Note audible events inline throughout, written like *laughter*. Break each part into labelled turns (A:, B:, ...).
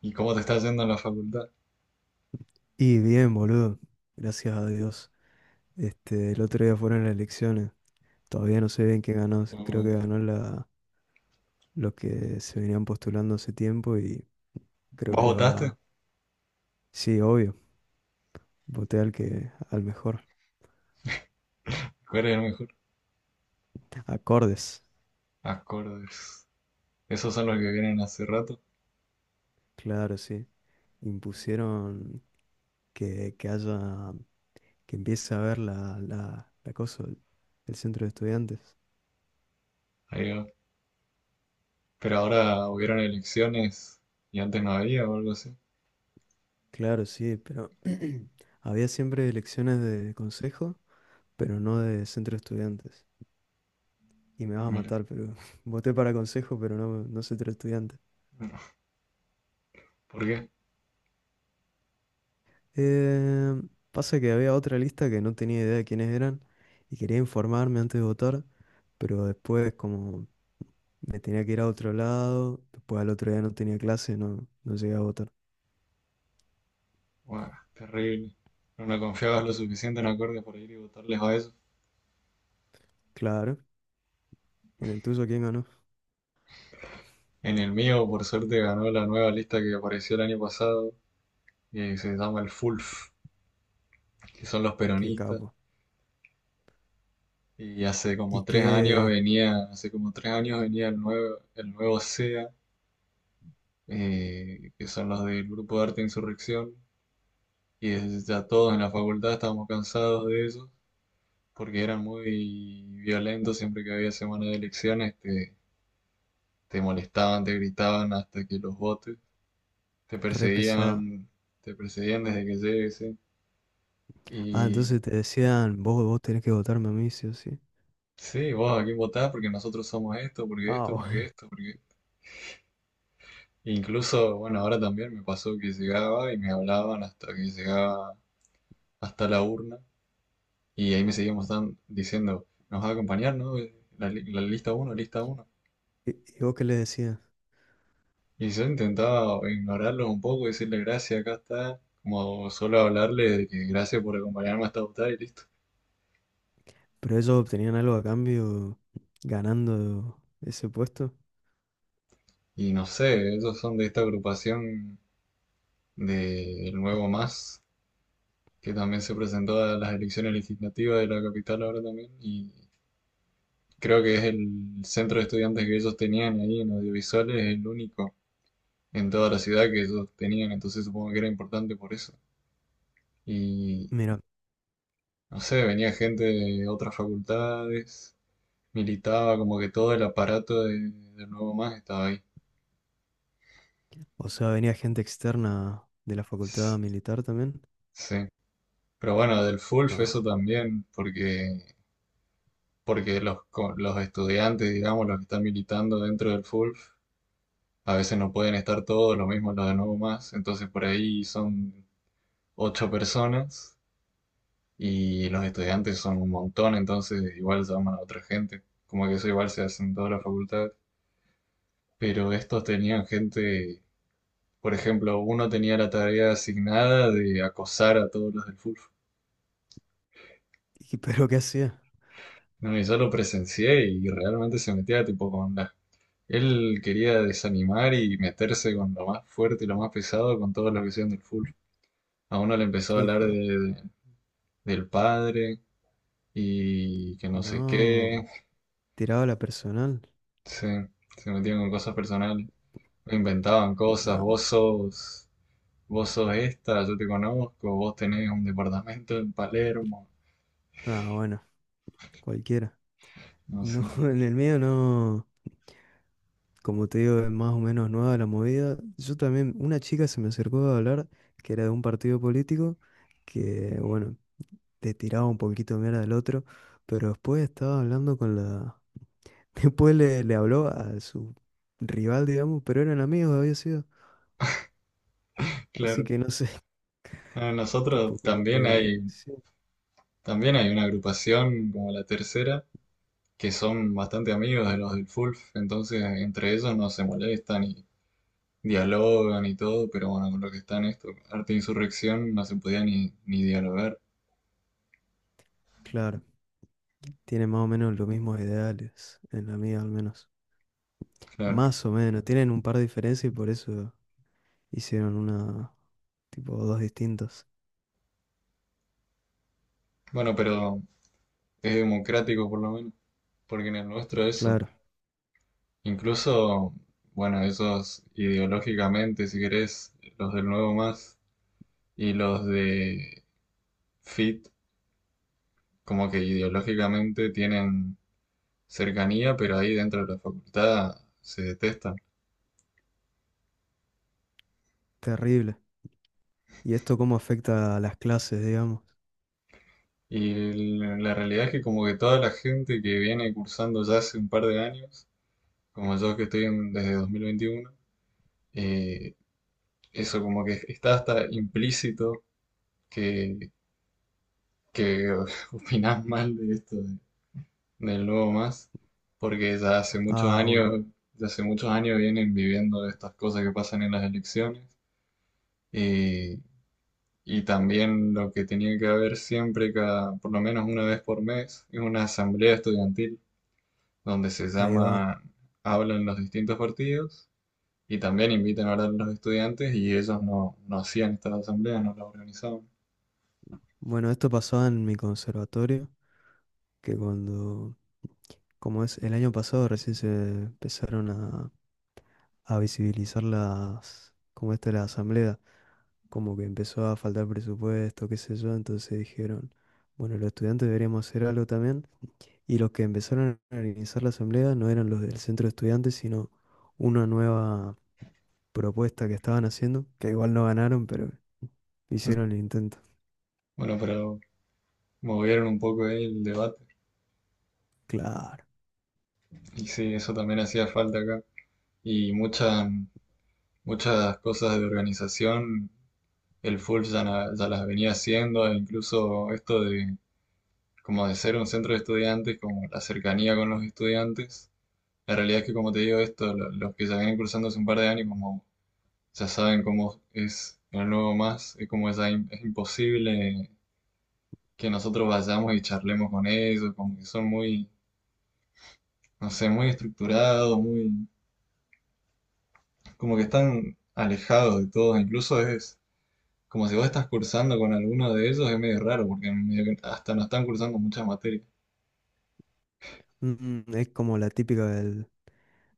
A: ¿Y cómo te estás yendo en la facultad?
B: Y bien, boludo. Gracias a Dios. El otro día fueron las elecciones. Todavía no sé bien quién ganó. Creo que
A: ¿O
B: ganó los que se venían postulando hace tiempo y creo que
A: ¿Vos
B: le
A: votaste?
B: va. Sí, obvio. Voté al mejor.
A: ¿Cuál es el mejor?
B: Acordes.
A: Acordes. Esos son los que vienen hace rato.
B: Claro, sí. Impusieron que haya, que empiece a haber la cosa, el centro de estudiantes.
A: Ahí va. Pero ahora hubieron elecciones y antes no había o algo así.
B: Claro, sí, pero *clears throat* había siempre elecciones de consejo, pero no de centro de estudiantes. Y me vas a
A: Mira.
B: matar, pero *laughs* voté para consejo, pero no soy tu estudiante.
A: No. ¿Por qué?
B: Eh, pasa que había otra lista que no tenía idea de quiénes eran y quería informarme antes de votar, pero después como me tenía que ir a otro lado, después al otro día no tenía clase, no llegué a votar.
A: Buah, terrible. No me confiabas lo suficiente en acordes para ir y votarles a eso.
B: Claro, en el tuyo quién ganó,
A: En el mío, por suerte, ganó la nueva lista que apareció el año pasado y se llama el FULF, que son los
B: qué
A: peronistas.
B: capo.
A: Y hace como
B: Y
A: 3 años
B: qué
A: venía, hace como 3 años venía el nuevo, SEA, que son los del grupo de arte Insurrección, y ya todos en la facultad estábamos cansados de ellos, porque eran muy violentos, siempre que había semana de elecciones te, molestaban, te gritaban hasta que los votes, te
B: re pesado.
A: perseguían, te perseguían desde que llegues, ¿sí?
B: Ah,
A: Y
B: entonces te decían, vos tenés que votarme a mí, sí o sí.
A: sí, ¿vos a quién votás? Porque nosotros somos esto, porque esto,
B: Ah,
A: porque esto, porque esto. Incluso, bueno, ahora también me pasó que llegaba y me hablaban hasta que llegaba hasta la urna. Y ahí me seguían diciendo: nos va a acompañar, ¿no? La lista uno, lista uno.
B: *laughs* ¿Y vos qué le decías?
A: Y yo intentaba ignorarlo un poco, decirle gracias, acá está. Como solo hablarle de que gracias por acompañarme hasta votar y listo.
B: Pero ellos obtenían algo a cambio ganando ese puesto.
A: Y no sé, ellos son de esta agrupación del Nuevo Más, que también se presentó a las elecciones legislativas de la capital ahora también. Y creo que es el centro de estudiantes que ellos tenían ahí en audiovisuales, el único en toda la ciudad que ellos tenían. Entonces supongo que era importante por eso. Y
B: Mira,
A: no sé, venía gente de otras facultades, militaba, como que todo el aparato del Nuevo Más estaba ahí.
B: o sea, venía gente externa de la facultad
A: S-
B: militar también.
A: Sí. Pero bueno, del FULF eso
B: No.
A: también, porque los estudiantes, digamos, los que están militando dentro del FULF, a veces no pueden estar todos, lo mismo los de Nuevo Más. Entonces por ahí son ocho personas y los estudiantes son un montón, entonces igual llaman a otra gente. Como que eso igual se hace en toda la facultad. Pero estos tenían gente, por ejemplo, uno tenía la tarea asignada de acosar a todos los del Fulf.
B: ¿Y pero qué hacía?
A: No, y yo lo presencié y realmente se metía tipo con la... Él quería desanimar y meterse con lo más fuerte y lo más pesado con todos los que sean del Fulf. A uno le empezó
B: ¿Qué
A: a hablar
B: dijo?
A: del padre y que no sé
B: No.
A: qué.
B: ¿Tiraba la personal?
A: Sí, se metían con cosas personales. Inventaban cosas,
B: No.
A: vos sos esta, yo te conozco, vos tenés un departamento en Palermo,
B: Ah, bueno, cualquiera.
A: no
B: No,
A: sé,
B: *laughs* en el mío no. Como te digo, es más o menos nueva la movida. Yo también, una chica se me acercó a hablar que era de un partido político que, bueno, te tiraba un poquito de mierda al otro, pero después estaba hablando con la. Después le habló a su rival, digamos, pero eran amigos, había sido. Así
A: claro.
B: que no sé, *laughs*
A: A
B: tipo,
A: nosotros
B: como
A: también
B: que...
A: hay,
B: Sí,
A: también hay una agrupación como la tercera, que son bastante amigos de los del Fulf, entonces entre ellos no se molestan y dialogan y todo, pero bueno, con lo que está en esto, arte e insurrección, no se podía ni dialogar,
B: claro, tienen más o menos los mismos ideales, en la mía al menos.
A: claro.
B: Más o menos, tienen un par de diferencias y por eso hicieron una, tipo, dos distintas.
A: Bueno, pero es democrático por lo menos, porque en el nuestro eso.
B: Claro,
A: Incluso, bueno, esos ideológicamente, si querés, los del Nuevo Más y los de FIT, como que ideológicamente tienen cercanía, pero ahí dentro de la facultad se detestan.
B: terrible. ¿Y esto cómo afecta a las clases, digamos?
A: Y la realidad es que como que toda la gente que viene cursando ya hace un par de años, como yo que estoy desde 2021, eh, eso como que está hasta implícito que, que *laughs* opinás mal de esto de nuevo más, porque ya hace muchos
B: Ah, bueno,
A: años, ya hace muchos años vienen viviendo estas cosas que pasan en las elecciones y, y también lo que tenía que haber siempre, cada, por lo menos una vez por mes, es una asamblea estudiantil donde se
B: ahí va.
A: llama, hablan los distintos partidos y también invitan a hablar a los estudiantes y ellos no, hacían estas asambleas, no las organizaban.
B: Bueno, esto pasaba en mi conservatorio, que cuando, como es, el año pasado recién se empezaron a visibilizar las, como esta la asamblea, como que empezó a faltar presupuesto, qué sé yo, entonces dijeron, bueno, los estudiantes deberíamos hacer algo también, y los que empezaron a organizar la asamblea no eran los del centro de estudiantes, sino una nueva propuesta que estaban haciendo, que igual no ganaron, pero hicieron el
A: *laughs*
B: intento.
A: Bueno, pero movieron un poco ahí el debate
B: Claro.
A: y sí, eso también hacía falta acá y Muchas cosas de organización el FULF ya, ya las venía haciendo, e incluso esto de como de ser un centro de estudiantes, como la cercanía con los estudiantes. La realidad es que, como te digo, esto, los que ya vienen cursando hace un par de años, como ya saben cómo es el nuevo más, es como ya es imposible que nosotros vayamos y charlemos con ellos, como que son muy, no sé, muy estructurados, muy, como que están alejados de todo, incluso es como si vos estás cursando con alguno de ellos, es medio raro, porque medio que hasta no están cursando muchas materias.
B: Mm, mm, es como la típica del,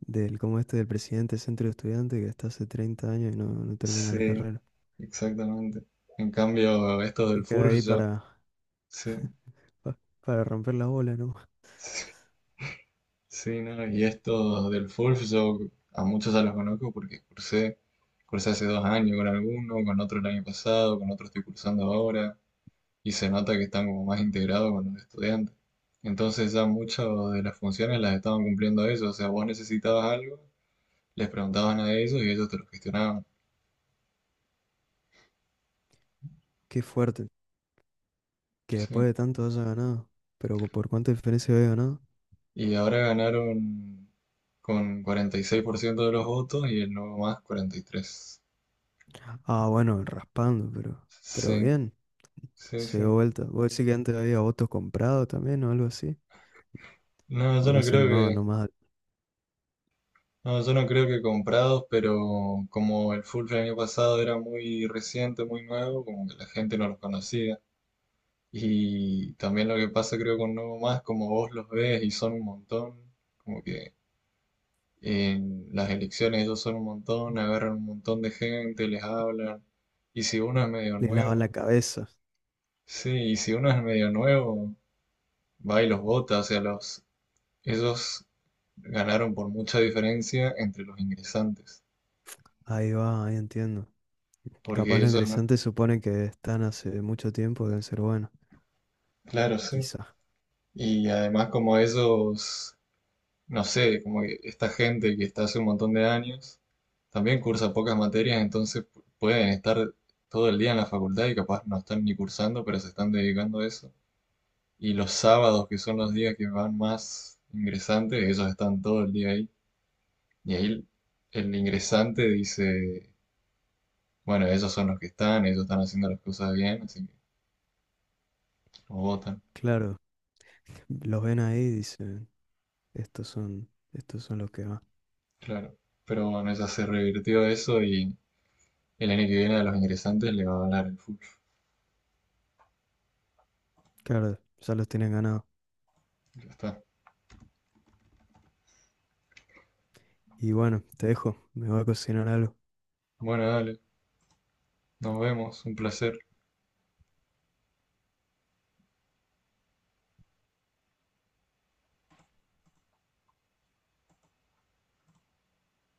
B: del, como este del presidente del centro de estudiantes que está hace 30 años y no termina la
A: Sí,
B: carrera.
A: exactamente. En cambio, estos
B: Se
A: del
B: queda
A: Fulf,
B: ahí
A: yo,
B: para,
A: sí,
B: pa- para romper la bola, ¿no?
A: *laughs* sí, ¿no? Y estos del Fulf, yo a muchos ya los conozco porque cursé hace 2 años con alguno, con otro el año pasado, con otro estoy cursando ahora, y se nota que están como más integrados con los estudiantes. Entonces ya muchas de las funciones las estaban cumpliendo ellos, o sea, vos necesitabas algo, les preguntaban a ellos y ellos te lo gestionaban.
B: Qué fuerte, que
A: Sí.
B: después de tanto haya ganado. Pero ¿por cuánta diferencia había ganado?
A: Y ahora ganaron con 46% de los votos y el nuevo más 43.
B: Ah, bueno, raspando, pero
A: Sí,
B: bien,
A: sí,
B: se
A: sí.
B: dio vuelta. ¿Vos decís que antes había votos comprados también o algo así?
A: No,
B: ¿O
A: yo
B: no
A: no
B: se
A: creo
B: animaba
A: que,
B: nomás?
A: no, yo no creo que comprados, pero como el full el año pasado era muy reciente, muy nuevo, como que la gente no los conocía. Y también lo que pasa creo con Nuevo Más, como vos los ves y son un montón, como que en las elecciones ellos son un montón, agarran un montón de gente, les hablan. Y si uno es medio
B: Le lavan la
A: nuevo,
B: cabeza.
A: sí, y si uno es medio nuevo, va y los vota. O sea, los, ellos ganaron por mucha diferencia entre los ingresantes.
B: Ahí va, ahí entiendo.
A: Porque
B: Capaz los
A: ellos no.
B: ingresantes suponen que están hace mucho tiempo, deben ser buenos.
A: Claro, sí.
B: Quizás,
A: Y además como ellos, no sé, como que esta gente que está hace un montón de años, también cursa pocas materias, entonces pueden estar todo el día en la facultad y capaz no están ni cursando, pero se están dedicando a eso. Y los sábados, que son los días que van más ingresantes, ellos están todo el día ahí. Y ahí el ingresante dice, bueno, ellos son los que están, ellos están haciendo las cosas bien, así que los votan.
B: claro. Los ven ahí y dicen, estos son los que van.
A: Claro. Pero bueno, ya se revirtió eso y el año que viene a los ingresantes le va a hablar el fútbol.
B: Claro, ya los tienen ganado.
A: Ya está.
B: Y bueno, te dejo, me voy a cocinar algo.
A: Bueno, dale. Nos vemos. Un placer.